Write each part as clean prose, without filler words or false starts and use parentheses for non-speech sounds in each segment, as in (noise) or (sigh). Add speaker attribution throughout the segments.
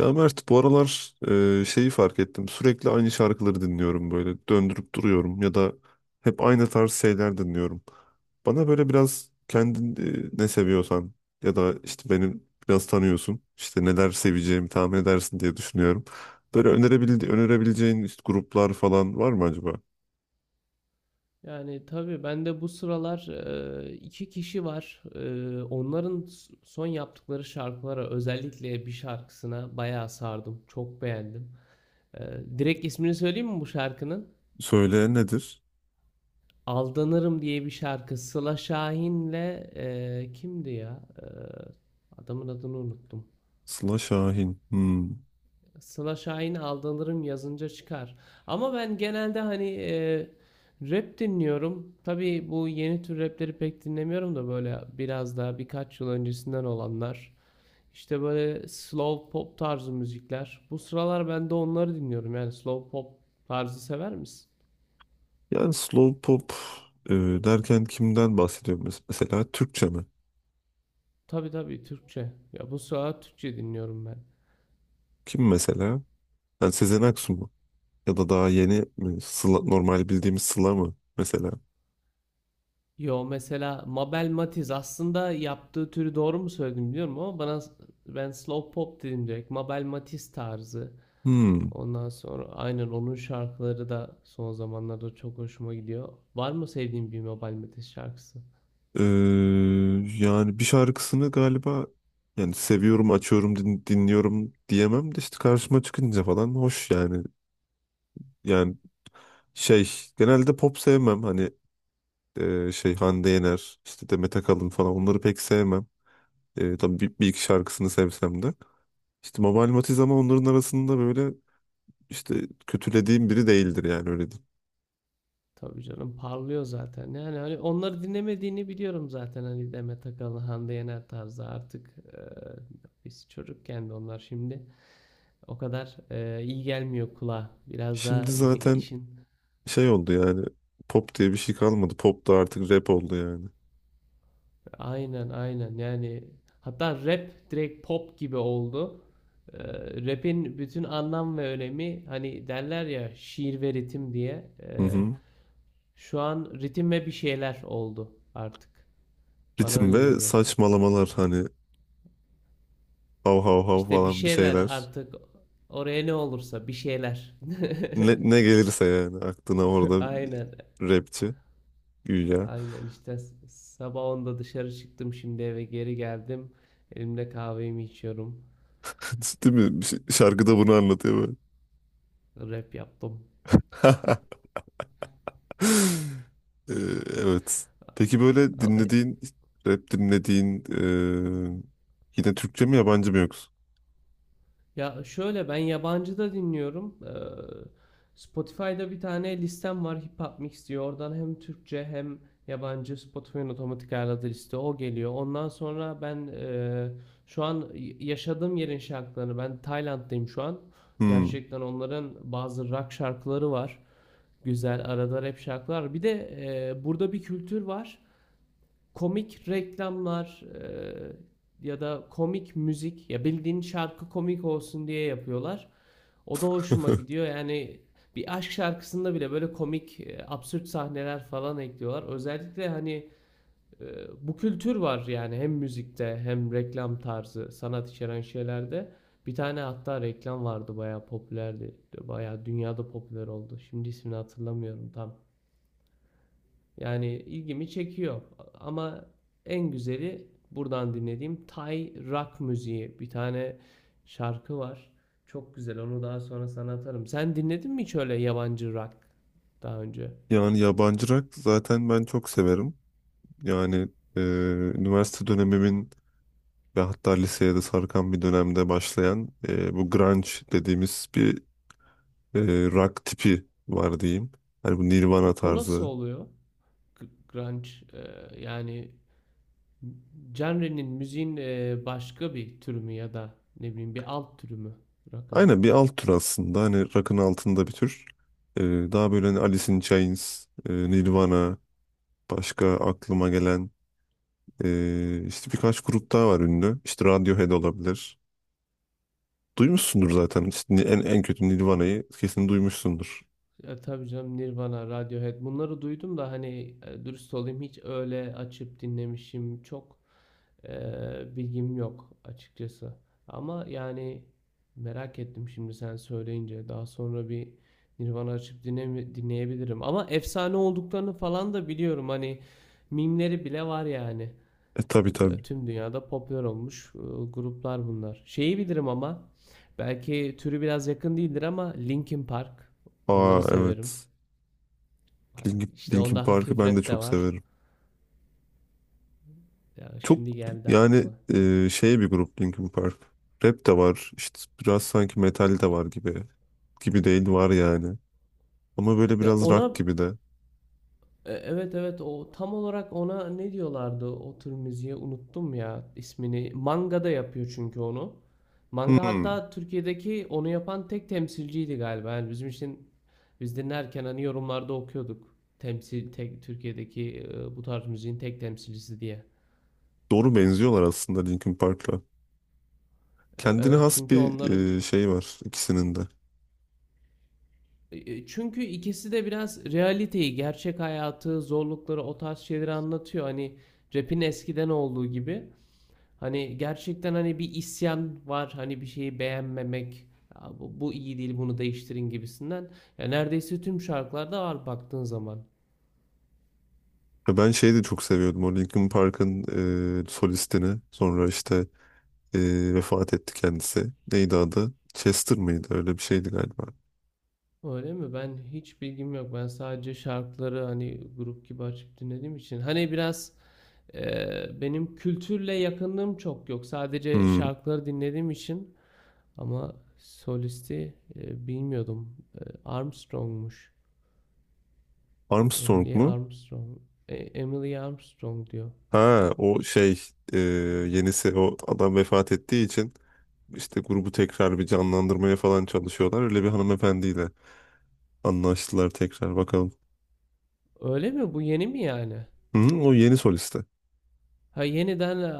Speaker 1: Ya Mert bu aralar şeyi fark ettim. Sürekli aynı şarkıları dinliyorum böyle. Döndürüp duruyorum ya da hep aynı tarz şeyler dinliyorum. Bana böyle biraz kendin ne seviyorsan ya da işte beni biraz tanıyorsun. İşte neler seveceğimi tahmin edersin diye düşünüyorum. Böyle önerebileceğin işte gruplar falan var mı acaba?
Speaker 2: Yani tabii ben de bu sıralar iki kişi var. Onların son yaptıkları şarkılara, özellikle bir şarkısına bayağı sardım. Çok beğendim. E, Direkt ismini söyleyeyim mi bu şarkının?
Speaker 1: Söyle, nedir?
Speaker 2: Aldanırım diye bir şarkı. Sıla Şahin'le, kimdi ya? Adamın adını unuttum.
Speaker 1: Sıla Şahin. Hmm.
Speaker 2: Sıla Şahin Aldanırım yazınca çıkar. Ama ben genelde hani rap dinliyorum. Tabii bu yeni tür rapleri pek dinlemiyorum da böyle biraz daha birkaç yıl öncesinden olanlar. İşte böyle slow pop tarzı müzikler. Bu sıralar ben de onları dinliyorum. Yani slow pop tarzı sever misin?
Speaker 1: Yani slow pop e, derken kimden bahsediyorum mesela? Türkçe mi?
Speaker 2: Tabii tabii, Türkçe. Ya bu sıralar Türkçe dinliyorum ben.
Speaker 1: Kim mesela? Yani Sezen Aksu mu? Ya da daha yeni mi? Sıla, normal bildiğimiz Sıla mı mesela?
Speaker 2: Yo mesela Mabel Matiz, aslında yaptığı türü doğru mu söyledim biliyorum ama bana, ben slow pop dedim direkt. Mabel Matiz tarzı.
Speaker 1: Hmm.
Speaker 2: Ondan sonra aynen onun şarkıları da son zamanlarda çok hoşuma gidiyor. Var mı sevdiğin bir Mabel Matiz şarkısı?
Speaker 1: Ee, Yani bir şarkısını galiba, yani seviyorum, açıyorum, dinliyorum diyemem de işte karşıma çıkınca falan hoş yani. Yani şey, genelde pop sevmem hani, şey Hande Yener, işte Demet Akalın falan, onları pek sevmem. E, tabii bir iki şarkısını sevsem de. İşte Mabel Matiz ama onların arasında böyle işte kötülediğim biri değildir, yani öyle diyeyim.
Speaker 2: Tabii canım, parlıyor zaten. Yani hani onları dinlemediğini biliyorum zaten, hani Demet Akalın, Hande Yener tarzı artık, biz çocukken de onlar şimdi o kadar iyi gelmiyor kulağa. Biraz daha
Speaker 1: Şimdi
Speaker 2: (laughs)
Speaker 1: zaten
Speaker 2: işin.
Speaker 1: şey oldu yani, pop diye bir şey kalmadı. Pop da artık rap oldu yani.
Speaker 2: Aynen aynen, yani hatta rap direkt pop gibi oldu. Ee, Rap'in bütün anlam ve önemi, hani derler ya, şiir ve ritim diye.
Speaker 1: Hı hı.
Speaker 2: Şu an ritim ve bir şeyler oldu artık. Bana
Speaker 1: Ritim
Speaker 2: öyle
Speaker 1: ve
Speaker 2: geliyor.
Speaker 1: saçmalamalar, hani hav hav hav
Speaker 2: İşte bir
Speaker 1: falan bir
Speaker 2: şeyler
Speaker 1: şeyler.
Speaker 2: artık, oraya ne olursa bir şeyler.
Speaker 1: Ne, ne gelirse yani aklına
Speaker 2: (laughs)
Speaker 1: orada bir
Speaker 2: Aynen
Speaker 1: rapçi, güya.
Speaker 2: aynen, işte sabah onda dışarı çıktım, şimdi eve geri geldim. Elimde kahvemi içiyorum.
Speaker 1: (laughs) Değil mi? Şarkıda bunu anlatıyor böyle.
Speaker 2: Rap yaptım.
Speaker 1: (laughs) Ee, Evet. Peki böyle dinlediğin, rap dinlediğin yine Türkçe mi, yabancı mı yoksa?
Speaker 2: Ya şöyle, ben yabancı da dinliyorum. Spotify'da bir tane listem var, Hip Hop Mix diyor. Oradan hem Türkçe hem yabancı, Spotify'ın otomatik ayarladığı liste o geliyor. Ondan sonra ben şu an yaşadığım yerin şarkılarını, ben Tayland'dayım şu an.
Speaker 1: Hmm.
Speaker 2: Gerçekten onların bazı rock şarkıları var. Güzel, arada rap şarkılar. Bir de burada bir kültür var, komik reklamlar, ya da komik müzik, ya bildiğin şarkı komik olsun diye yapıyorlar. O da hoşuma
Speaker 1: (laughs)
Speaker 2: gidiyor. Yani bir aşk şarkısında bile böyle komik, absürt sahneler falan ekliyorlar. Özellikle hani e, bu kültür var yani, hem müzikte hem reklam tarzı, sanat içeren şeylerde. Bir tane hatta reklam vardı, bayağı popülerdi. Bayağı dünyada popüler oldu. Şimdi ismini hatırlamıyorum tam. Yani ilgimi çekiyor. Ama en güzeli buradan dinlediğim Thai rock müziği. Bir tane şarkı var. Çok güzel. Onu daha sonra sana atarım. Sen dinledin mi hiç öyle yabancı rock daha önce?
Speaker 1: Yani yabancı rock zaten ben çok severim. Yani e, üniversite dönemimin ve hatta liseye de sarkan bir dönemde başlayan, bu grunge dediğimiz bir e, rock tipi var diyeyim. Hani bu Nirvana
Speaker 2: O nasıl
Speaker 1: tarzı.
Speaker 2: oluyor? G- Grunge, yani genre'nin, müziğin başka bir türü mü, ya da ne bileyim bir alt türü mü rock'ın?
Speaker 1: Aynen, bir alt tür aslında. Hani rock'ın altında bir tür. E, daha böyle hani Alice in Chains, Nirvana, başka aklıma gelen işte birkaç grup daha var ünlü. İşte Radiohead olabilir. Duymuşsundur zaten. İşte en kötü Nirvana'yı kesin duymuşsundur.
Speaker 2: Ya tabii canım, Nirvana, Radiohead bunları duydum da, hani dürüst olayım, hiç öyle açıp dinlemişim çok. Bilgim yok açıkçası. Ama yani merak ettim şimdi sen söyleyince. Daha sonra bir Nirvana açıp dinleyebilirim. Ama efsane olduklarını falan da biliyorum. Hani mimleri bile var yani.
Speaker 1: E tabii tabii.
Speaker 2: Tüm dünyada popüler olmuş gruplar bunlar. Şeyi bilirim ama, belki türü biraz yakın değildir ama, Linkin Park. Onları
Speaker 1: Aa
Speaker 2: severim.
Speaker 1: evet.
Speaker 2: Ee, İşte
Speaker 1: Linkin
Speaker 2: onda
Speaker 1: Park'ı
Speaker 2: hafif
Speaker 1: ben de
Speaker 2: rap de
Speaker 1: çok
Speaker 2: var.
Speaker 1: severim.
Speaker 2: Ya
Speaker 1: Çok
Speaker 2: şimdi geldi
Speaker 1: yani
Speaker 2: aklıma.
Speaker 1: şey bir grup Linkin Park. Rap de var. İşte biraz sanki metal de var gibi. Gibi değil, var yani. Ama böyle
Speaker 2: Ya
Speaker 1: biraz
Speaker 2: ona
Speaker 1: rock gibi de.
Speaker 2: Evet evet, o tam olarak ona ne diyorlardı o tür müziğe, unuttum ya ismini. Manga da yapıyor çünkü onu. Manga
Speaker 1: Hmm.
Speaker 2: hatta Türkiye'deki onu yapan tek temsilciydi galiba. Yani bizim için, biz dinlerken hani yorumlarda okuyorduk. Temsil tek Türkiye'deki, bu tarz müziğin tek temsilcisi diye.
Speaker 1: Doğru, benziyorlar aslında Linkin Park'la. Kendine
Speaker 2: Evet,
Speaker 1: has
Speaker 2: çünkü
Speaker 1: bir
Speaker 2: onların,
Speaker 1: şey var ikisinin de.
Speaker 2: çünkü ikisi de biraz realiteyi, gerçek hayatı, zorlukları, o tarz şeyleri anlatıyor. Hani rap'in eskiden olduğu gibi. Hani gerçekten hani bir isyan var. Hani bir şeyi beğenmemek. "Ya bu iyi değil, bunu değiştirin" gibisinden. Ya neredeyse tüm şarkılarda var baktığın zaman.
Speaker 1: Ya ben şeyi de çok seviyordum. O Linkin Park'ın solistini. Sonra işte vefat etti kendisi. Neydi adı? Chester mıydı? Öyle bir şeydi galiba.
Speaker 2: Öyle mi? Ben hiç bilgim yok. Ben sadece şarkıları hani grup gibi açıp dinlediğim için. Hani biraz benim kültürle yakınlığım çok yok. Sadece
Speaker 1: Hmm.
Speaker 2: şarkıları dinlediğim için. Ama solisti bilmiyordum. Armstrong'muş.
Speaker 1: Armstrong
Speaker 2: Emily
Speaker 1: mu?
Speaker 2: Armstrong. Emily Armstrong diyor.
Speaker 1: Ha o şey, e, yenisi, o adam vefat ettiği için işte grubu tekrar bir canlandırmaya falan çalışıyorlar. Öyle bir hanımefendiyle anlaştılar, tekrar bakalım.
Speaker 2: Öyle mi? Bu yeni mi yani?
Speaker 1: Hı, o yeni solisti.
Speaker 2: Ha, yeniden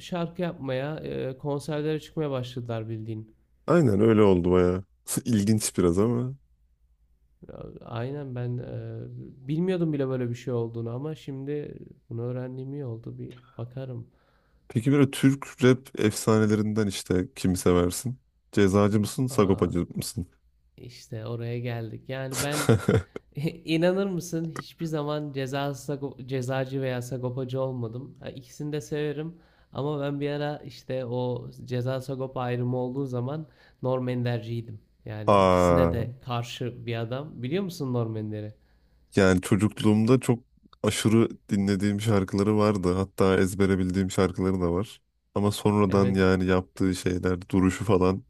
Speaker 2: şarkı yapmaya, konserlere çıkmaya başladılar bildiğin.
Speaker 1: Aynen öyle oldu bayağı. (laughs) İlginç biraz ama.
Speaker 2: Ya, aynen, ben bilmiyordum bile böyle bir şey olduğunu, ama şimdi bunu öğrendiğim iyi oldu. Bir bakarım.
Speaker 1: Peki böyle Türk rap efsanelerinden işte kimi seversin? Cezacı mısın,
Speaker 2: Aa,
Speaker 1: Sagopacı mısın?
Speaker 2: işte oraya geldik. Yani ben,
Speaker 1: (laughs)
Speaker 2: (laughs) İnanır mısın, hiçbir zaman cezacı veya sagopacı olmadım. Ha, İkisini de severim. Ama ben bir ara, işte o ceza sagopa ayrımı olduğu zaman, Norm Ender'ciydim. Yani ikisine
Speaker 1: Aa,
Speaker 2: de karşı bir adam. Biliyor musun Norm Ender'i?
Speaker 1: yani çocukluğumda çok aşırı dinlediğim şarkıları vardı. Hatta ezbere bildiğim şarkıları da var. Ama sonradan
Speaker 2: Evet.
Speaker 1: yani yaptığı şeyler, duruşu falan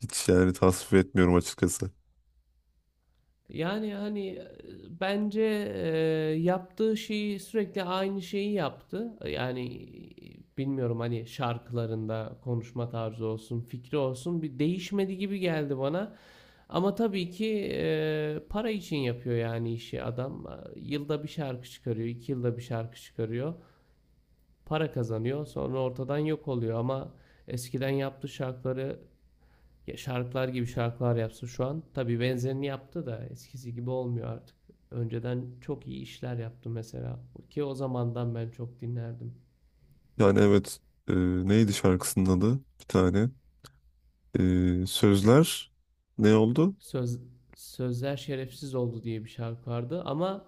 Speaker 1: hiç yani tasvip etmiyorum açıkçası.
Speaker 2: Yani hani bence e, yaptığı şeyi, sürekli aynı şeyi yaptı. Yani bilmiyorum, hani şarkılarında konuşma tarzı olsun, fikri olsun, bir değişmedi gibi geldi bana. Ama tabii ki para için yapıyor yani işi, adam. Yılda bir şarkı çıkarıyor, iki yılda bir şarkı çıkarıyor. Para kazanıyor, sonra ortadan yok oluyor, ama eskiden yaptığı şarkıları, ya şarkılar gibi şarkılar yapsa, şu an tabii benzerini yaptı da eskisi gibi olmuyor artık. Önceden çok iyi işler yaptı mesela, ki o zamandan ben çok dinlerdim.
Speaker 1: Yani evet, e, neydi şarkısının adı? Bir tane. E, sözler ne oldu?
Speaker 2: Söz Sözler Şerefsiz oldu diye bir şarkı vardı ama.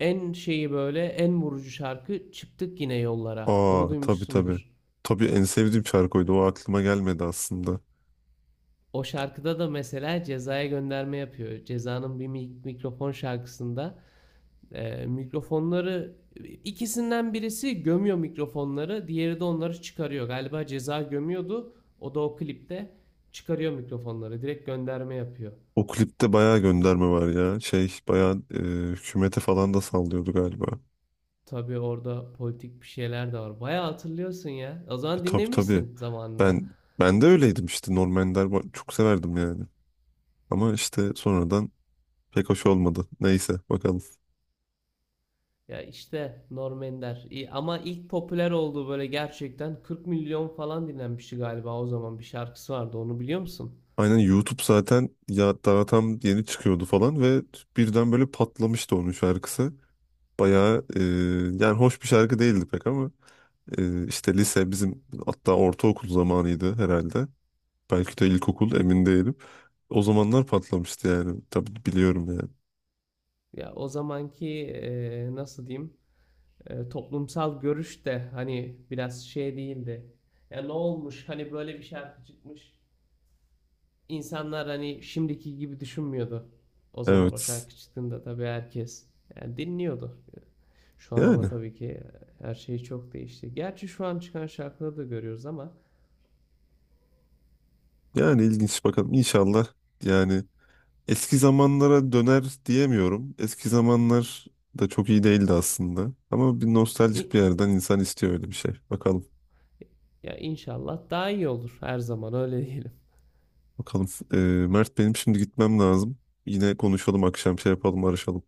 Speaker 2: En şeyi, böyle en vurucu şarkı, Çıktık Yine Yollara. Onu
Speaker 1: Aa, tabii tabii.
Speaker 2: duymuşsundur.
Speaker 1: Tabii en sevdiğim şarkıydı. O aklıma gelmedi aslında.
Speaker 2: O şarkıda da mesela Ceza'ya gönderme yapıyor. Ceza'nın bir mikrofon şarkısında, mikrofonları, ikisinden birisi gömüyor mikrofonları, diğeri de onları çıkarıyor. Galiba Ceza gömüyordu. O da o klipte çıkarıyor mikrofonları. Direkt gönderme yapıyor.
Speaker 1: O klipte bayağı gönderme var ya. Şey bayağı hükümete falan da sallıyordu galiba.
Speaker 2: Tabii orada politik bir şeyler de var. Bayağı hatırlıyorsun ya. O
Speaker 1: E,
Speaker 2: zaman
Speaker 1: tabii tabii.
Speaker 2: dinlemişsin zamanında.
Speaker 1: Ben Ben de öyleydim işte. Norm Ender çok severdim yani. Ama işte sonradan pek hoş olmadı. Neyse bakalım.
Speaker 2: Ya işte Norm Ender. İyi. Ama ilk popüler olduğu, böyle gerçekten 40 milyon falan dinlenmişti galiba, o zaman bir şarkısı vardı, onu biliyor musun?
Speaker 1: Aynen, YouTube zaten ya daha tam yeni çıkıyordu falan ve birden böyle patlamıştı onun şarkısı. Bayağı yani hoş bir şarkı değildi pek ama işte lise bizim, hatta ortaokul zamanıydı herhalde. Belki de ilkokul, emin değilim. O zamanlar patlamıştı yani. Tabii biliyorum yani.
Speaker 2: Ya o zamanki nasıl diyeyim, toplumsal görüş de hani biraz şey değildi. Ya ne olmuş, hani böyle bir şarkı çıkmış. İnsanlar hani şimdiki gibi düşünmüyordu. O zaman o
Speaker 1: Evet.
Speaker 2: şarkı çıktığında tabii herkes yani dinliyordu. Şu an ama
Speaker 1: Yani.
Speaker 2: tabii ki her şey çok değişti. Gerçi şu an çıkan şarkıları da görüyoruz ama.
Speaker 1: Yani ilginç, bakalım. İnşallah, yani eski zamanlara döner diyemiyorum. Eski zamanlar da çok iyi değildi aslında. Ama bir
Speaker 2: İ-
Speaker 1: nostaljik bir yerden insan istiyor öyle bir şey. Bakalım.
Speaker 2: Ya inşallah daha iyi olur, her zaman öyle diyelim.
Speaker 1: Bakalım. Ee, Mert, benim şimdi gitmem lazım. Yine konuşalım akşam, şey yapalım, arışalım.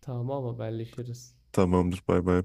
Speaker 2: Tamam, haberleşiriz.
Speaker 1: Tamamdır. Bay bay.